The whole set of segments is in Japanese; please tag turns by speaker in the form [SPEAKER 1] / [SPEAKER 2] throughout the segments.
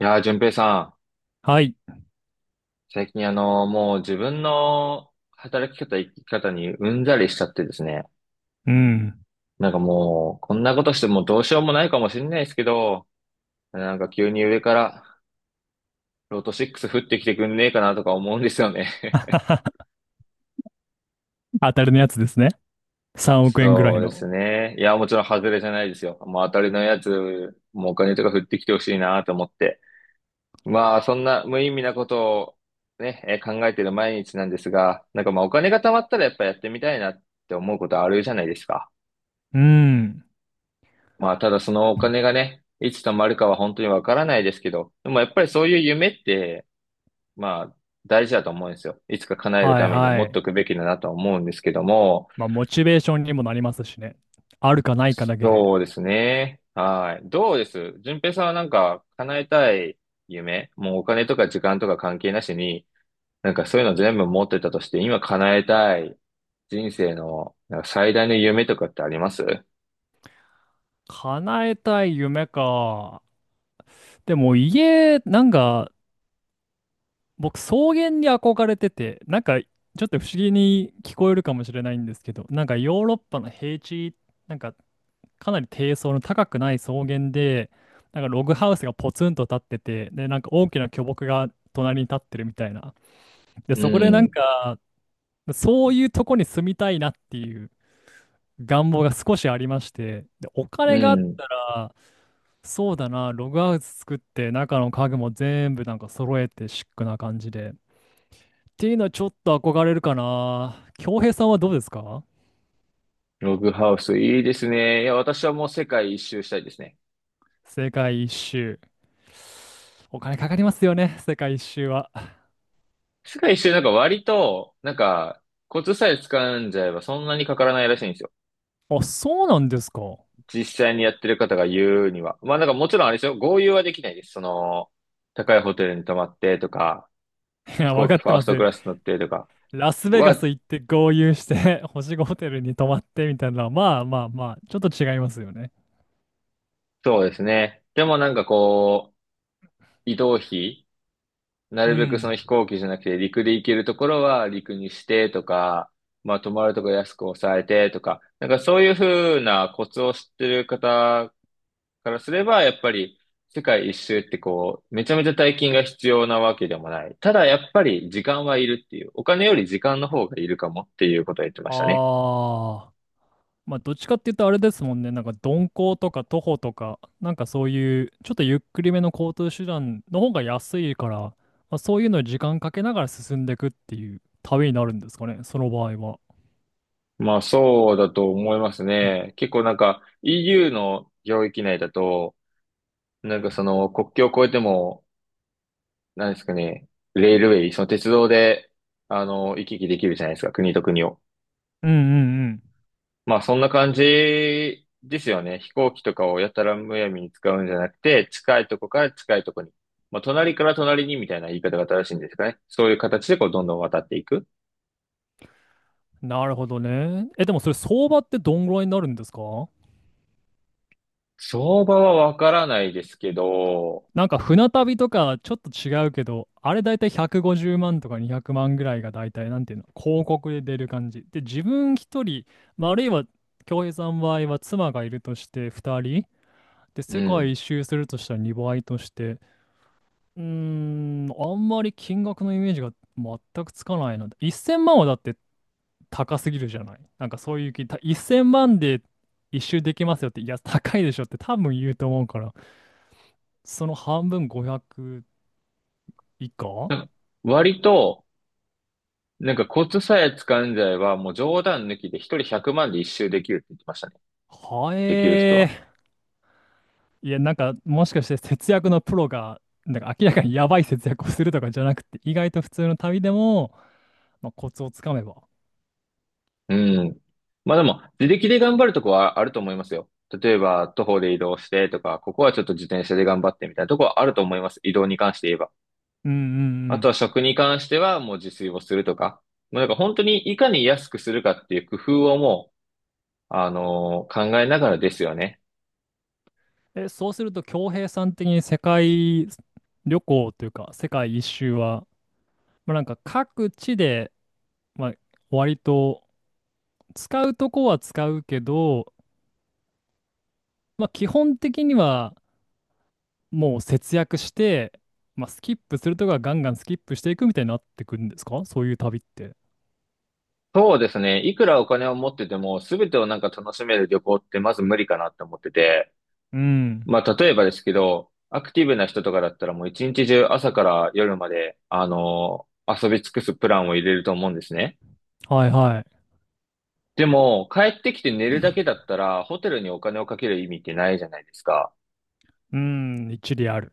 [SPEAKER 1] いやー、淳平さ
[SPEAKER 2] はい。
[SPEAKER 1] ん、最近もう自分の働き方、生き方にうんざりしちゃってですね。
[SPEAKER 2] うん。
[SPEAKER 1] なんかもう、こんなことしてもうどうしようもないかもしれないですけど、なんか急に上から、ロト6降ってきてくんねえかなとか思うんですよね。
[SPEAKER 2] 当たりのやつですね。3億円ぐら
[SPEAKER 1] そ
[SPEAKER 2] い
[SPEAKER 1] うで
[SPEAKER 2] の。
[SPEAKER 1] すね。いや、もちろん外れじゃないですよ。もう当たりのやつ、もうお金とか降ってきてほしいなと思って。まあ、そんな無意味なことをね、考えてる毎日なんですが、なんかまあお金が貯まったらやっぱやってみたいなって思うことあるじゃないですか。
[SPEAKER 2] うん。
[SPEAKER 1] まあ、ただそのお金がね、いつ貯まるかは本当にわからないですけど、でもやっぱりそういう夢って、まあ、大事だと思うんですよ。いつか叶える
[SPEAKER 2] はい
[SPEAKER 1] ために
[SPEAKER 2] は
[SPEAKER 1] 持っと
[SPEAKER 2] い。
[SPEAKER 1] くべきだなとは思うんですけども、
[SPEAKER 2] まあ、モチベーションにもなりますしね。あるかないかだけで。
[SPEAKER 1] そうですね。はい。どうです順平さんはなんか叶えたい夢、もうお金とか時間とか関係なしに、なんかそういうの全部持ってたとして、今叶えたい人生のなんか最大の夢とかってあります？
[SPEAKER 2] 叶えたい夢か。でも家、なんか、僕、草原に憧れてて、なんか、ちょっと不思議に聞こえるかもしれないんですけど、なんかヨーロッパの平地、なんか、かなり低層の高くない草原で、なんかログハウスがポツンと立ってて、で、なんか大きな巨木が隣に立ってるみたいな。で、
[SPEAKER 1] う
[SPEAKER 2] そこでなん
[SPEAKER 1] ん。
[SPEAKER 2] か、そういうとこに住みたいなっていう願望が少しありまして、で、お
[SPEAKER 1] う
[SPEAKER 2] 金があっ
[SPEAKER 1] ん。
[SPEAKER 2] たら、そうだな、ログハウス作って、中の家具も全部なんか揃えてシックな感じで。っていうのはちょっと憧れるかな。恭平さんはどうですか？
[SPEAKER 1] ログハウス、いいですね。いや、私はもう世界一周したいですね。
[SPEAKER 2] 世界一周。お金かかりますよね、世界一周は。
[SPEAKER 1] 世界一周なんか割と、なんか、コツさえ掴んじゃえばそんなにかからないらしいんですよ。
[SPEAKER 2] あ、そうなんですか？
[SPEAKER 1] 実際にやってる方が言うには。まあなんかもちろんあれですよ。豪遊はできないです。高いホテルに泊まってとか、
[SPEAKER 2] い
[SPEAKER 1] 飛
[SPEAKER 2] や、わ
[SPEAKER 1] 行
[SPEAKER 2] か
[SPEAKER 1] 機
[SPEAKER 2] っ
[SPEAKER 1] フ
[SPEAKER 2] て
[SPEAKER 1] ァー
[SPEAKER 2] ま
[SPEAKER 1] ス
[SPEAKER 2] す
[SPEAKER 1] ト
[SPEAKER 2] よ。
[SPEAKER 1] クラス乗ってとか
[SPEAKER 2] ラスベガ
[SPEAKER 1] は、
[SPEAKER 2] ス行って豪遊して 星5ホテルに泊まってみたいなのは、まあまあまあ、ちょっと違いますよね。
[SPEAKER 1] そうですね。でもなんかこう、移動費な
[SPEAKER 2] う
[SPEAKER 1] るべく
[SPEAKER 2] ん。
[SPEAKER 1] 飛行機じゃなくて陸で行けるところは陸にしてとか、まあ泊まるとこ安く抑えてとか、なんかそういうふうなコツを知ってる方からすれば、やっぱり世界一周ってこう、めちゃめちゃ大金が必要なわけでもない。ただやっぱり時間はいるっていう、お金より時間の方がいるかもっていうことを言ってましたね。
[SPEAKER 2] ああ。まあ、どっちかって言うとあれですもんね。なんか鈍行とか徒歩とか、なんかそういう、ちょっとゆっくりめの交通手段の方が安いから、まあ、そういうのに時間かけながら進んでいくっていう旅になるんですかね、その場合は。
[SPEAKER 1] まあそうだと思いますね。結構なんか EU の領域内だと、なんかその国境を越えてもなんですかね、レールウェイ、その鉄道で、行き来できるじゃないですか、国と国を。
[SPEAKER 2] うんうん
[SPEAKER 1] まあ、そんな感じですよね。飛行機とかをやたらむやみに使うんじゃなくて、近いとこから近いとこに。まあ、隣から隣にみたいな言い方が正しいんですかね。そういう形でこう、どんどん渡っていく。
[SPEAKER 2] うん。なるほどね。え、でもそれ相場ってどんぐらいになるんですか？
[SPEAKER 1] 相場はわからないですけど、
[SPEAKER 2] なんか船旅とかちょっと違うけど、あれだいたい150万とか200万ぐらいがだいたいなんていうの、広告で出る感じ。で、自分一人、まあ、あるいは恭平さんの場合は妻がいるとして2人、で、
[SPEAKER 1] う
[SPEAKER 2] 世界
[SPEAKER 1] ん。
[SPEAKER 2] 一周するとしたら2倍として、うーん、あんまり金額のイメージが全くつかないので、1000万はだって高すぎるじゃない。なんかそういう気、1000万で一周できますよって、いや、高いでしょって多分言うと思うから、その半分500以下
[SPEAKER 1] 割と、なんかコツさえ掴んじゃえば、もう冗談抜きで一人100万で一周できるって言ってましたね。
[SPEAKER 2] は
[SPEAKER 1] できる人
[SPEAKER 2] え
[SPEAKER 1] は。
[SPEAKER 2] ー。いや、なんか、もしかして節約のプロが、なんか明らかにやばい節約をするとかじゃなくて、意外と普通の旅でも、まあ、コツをつかめば。
[SPEAKER 1] うん。まあでも、自力で頑張るとこはあると思いますよ。例えば、徒歩で移動してとか、ここはちょっと自転車で頑張ってみたいなとこはあると思います。移動に関して言えば。
[SPEAKER 2] うんう
[SPEAKER 1] あとは
[SPEAKER 2] ん
[SPEAKER 1] 食に関してはもう自炊をするとか。もうなんか本当にいかに安くするかっていう工夫をもう、考えながらですよね。
[SPEAKER 2] うん。え、そうすると、恭平さん的に世界旅行というか、世界一周は、まあ、なんか各地で、まあ、割と使うとこは使うけど、まあ、基本的にはもう節約して、まあ、スキップするとこはガンガンスキップしていくみたいになってくるんですか？そういう旅って。
[SPEAKER 1] そうですね。いくらお金を持ってても、すべてをなんか楽しめる旅行ってまず無理かなって思ってて。
[SPEAKER 2] うん。
[SPEAKER 1] まあ、例えばですけど、アクティブな人とかだったらもう一日中朝から夜まで、遊び尽くすプランを入れると思うんですね。
[SPEAKER 2] はいはい。
[SPEAKER 1] でも、帰ってきて寝るだけだったら、ホテルにお金をかける意味ってないじゃないですか。
[SPEAKER 2] うん、一理ある。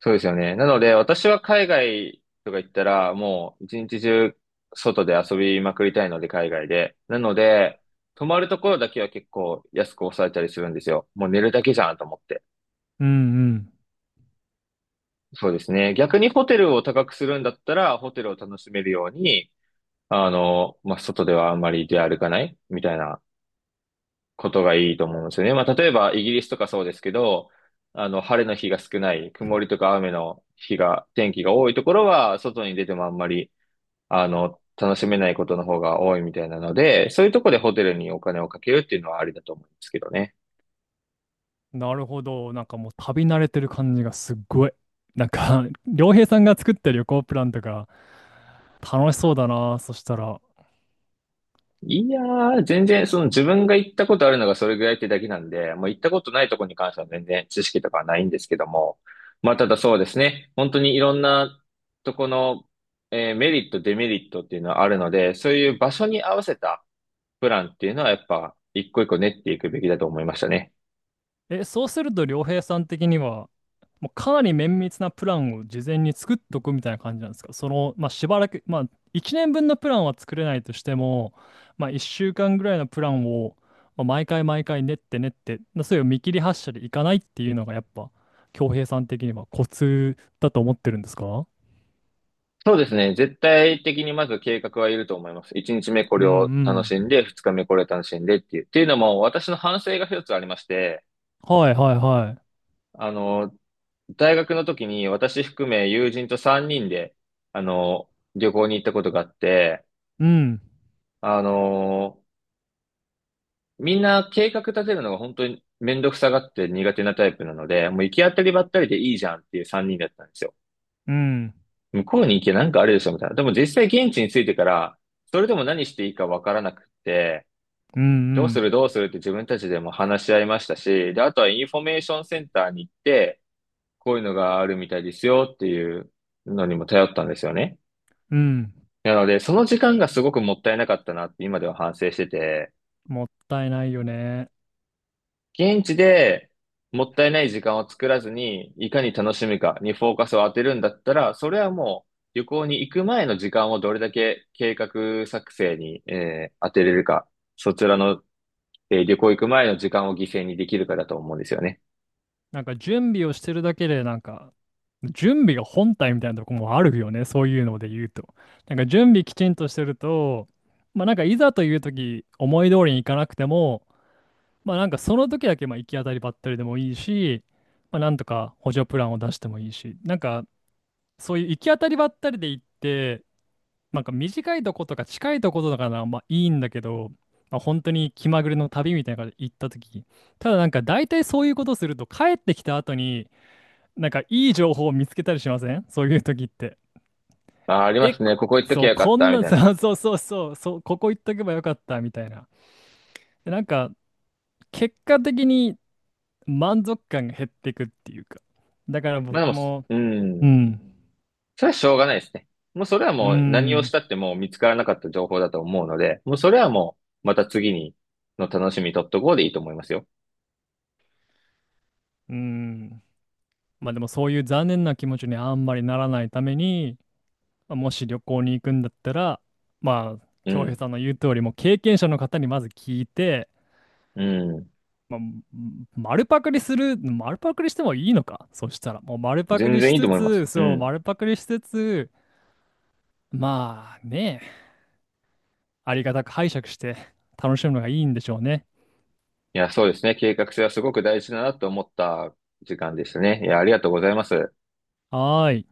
[SPEAKER 1] そうですよね。なので、私は海外とか行ったら、もう一日中外で遊びまくりたいので、海外で。なので、泊まるところだけは結構安く抑えたりするんですよ。もう寝るだけじゃんと思って。
[SPEAKER 2] うん
[SPEAKER 1] そうですね。逆にホテルを高くするんだったら、ホテルを楽しめるように、まあ、外ではあんまり出歩かないみたいなことがいいと思うんですよね。まあ、例えばイギリスとかそうですけど、晴れの日が少ない、曇りとか雨の日が、天気が多いところは、外に出てもあんまり、楽しめないことの方が多いみたいなので、そういうところでホテルにお金をかけるっていうのはありだと思うんですけどね。
[SPEAKER 2] うん。なるほど。なんかもう旅慣れてる感じがすっごい。なんか、良平さんが作った旅行プランとか楽しそうだな。そしたら。
[SPEAKER 1] いやー、全然、自分が行ったことあるのがそれぐらいってだけなんで、もう行ったことないとこに関しては全然知識とかはないんですけども、まあただそうですね、本当にいろんなとこの、メリット、デメリットっていうのはあるので、そういう場所に合わせたプランっていうのはやっぱ一個一個練っていくべきだと思いましたね。
[SPEAKER 2] え、そうすると良平さん的には、もうかなり綿密なプランを事前に作っとくみたいな感じなんですか？その、まあ、しばらく、まあ、1年分のプランは作れないとしても、まあ、1週間ぐらいのプランを、まあ、毎回毎回練って練って、まあそういう見切り発車でいかないっていうのがやっぱ、恭平さん的にはコツだと思ってるんですか？
[SPEAKER 1] そうですね。絶対的にまず計画はいると思います。1日目こ
[SPEAKER 2] うん
[SPEAKER 1] れ
[SPEAKER 2] う
[SPEAKER 1] を楽しん
[SPEAKER 2] ん。
[SPEAKER 1] で、2日目これを楽しんでっていう。っていうのも私の反省が一つありまして、
[SPEAKER 2] はいはいはい。
[SPEAKER 1] あの、大学の時に私含め友人と3人で、あの、旅行に行ったことがあって、
[SPEAKER 2] うん、
[SPEAKER 1] あの、みんな計画立てるのが本当にめんどくさがって苦手なタイプなので、もう行き当たりばったりでいいじゃんっていう3人だったんですよ。
[SPEAKER 2] うん、
[SPEAKER 1] 向こうに行けなんかあるでしょみたいな。でも実際現地に着いてから、それでも何していいかわからなくって、
[SPEAKER 2] うん、う
[SPEAKER 1] どうする
[SPEAKER 2] ん、
[SPEAKER 1] どうするって自分たちでも話し合いましたし、で、あとはインフォメーションセンターに行って、こういうのがあるみたいですよっていうのにも頼ったんですよね。
[SPEAKER 2] うん。
[SPEAKER 1] なので、その時間がすごくもったいなかったなって今では反省してて、
[SPEAKER 2] もったいないよね。
[SPEAKER 1] 現地でもったいない時間を作らずに、いかに楽しむかにフォーカスを当てるんだったら、それはもう旅行に行く前の時間をどれだけ計画作成に、当てれるか、そちらの、旅行行く前の時間を犠牲にできるかだと思うんですよね。
[SPEAKER 2] なんか準備をしてるだけでなんか準備が本体みたいなとこもあるよね、そういうので言うと。なんか準備きちんとしてると、まあなんかいざという時思い通りにいかなくても、まあなんかその時だけまあ行き当たりばったりでもいいし、まあなんとか補助プランを出してもいいし、なんかそういう行き当たりばったりで行って、なんか短いとことか近いとことかならまあいいんだけど、まあ、本当に気まぐれの旅みたいなので行った時、ただなんか大体そういうことすると帰ってきた後に、なんかいい情報を見つけたりしませんそういう時って？
[SPEAKER 1] あー、ありま
[SPEAKER 2] え、
[SPEAKER 1] すね。ここ行っとき
[SPEAKER 2] そ
[SPEAKER 1] ゃ
[SPEAKER 2] う、
[SPEAKER 1] よかっ
[SPEAKER 2] こん
[SPEAKER 1] た、み
[SPEAKER 2] な、
[SPEAKER 1] たいな。
[SPEAKER 2] そうそうそうそう、そうここ行っとけばよかったみたいな。でなんか結果的に満足感が減っていくっていうか。だから
[SPEAKER 1] まあ
[SPEAKER 2] 僕
[SPEAKER 1] でも、
[SPEAKER 2] も、
[SPEAKER 1] う
[SPEAKER 2] う
[SPEAKER 1] ん。
[SPEAKER 2] ん、
[SPEAKER 1] それはしょうがないですね。もうそれは
[SPEAKER 2] う
[SPEAKER 1] もう何をし
[SPEAKER 2] ん、
[SPEAKER 1] たってもう見つからなかった情報だと思うので、もうそれはもうまた次にの楽しみ取っとこうでいいと思いますよ。
[SPEAKER 2] うん。まあでもそういう残念な気持ちにあんまりならないために、まあもし旅行に行くんだったら、まあ、
[SPEAKER 1] う
[SPEAKER 2] 京平
[SPEAKER 1] ん。
[SPEAKER 2] さんの言う通り、もう経験者の方にまず聞いて、
[SPEAKER 1] うん。
[SPEAKER 2] まあ、丸パクリする、丸パクリしてもいいのか、そしたら、もう丸パク
[SPEAKER 1] 全
[SPEAKER 2] リし
[SPEAKER 1] 然いいと
[SPEAKER 2] つ
[SPEAKER 1] 思います。
[SPEAKER 2] つ、
[SPEAKER 1] う
[SPEAKER 2] そう、
[SPEAKER 1] ん。
[SPEAKER 2] 丸パクリしつつ、まあね、ありがたく拝借して楽しむのがいいんでしょうね。
[SPEAKER 1] いや、そうですね。計画性はすごく大事だなと思った時間でしたね。いや、ありがとうございます。
[SPEAKER 2] はーい。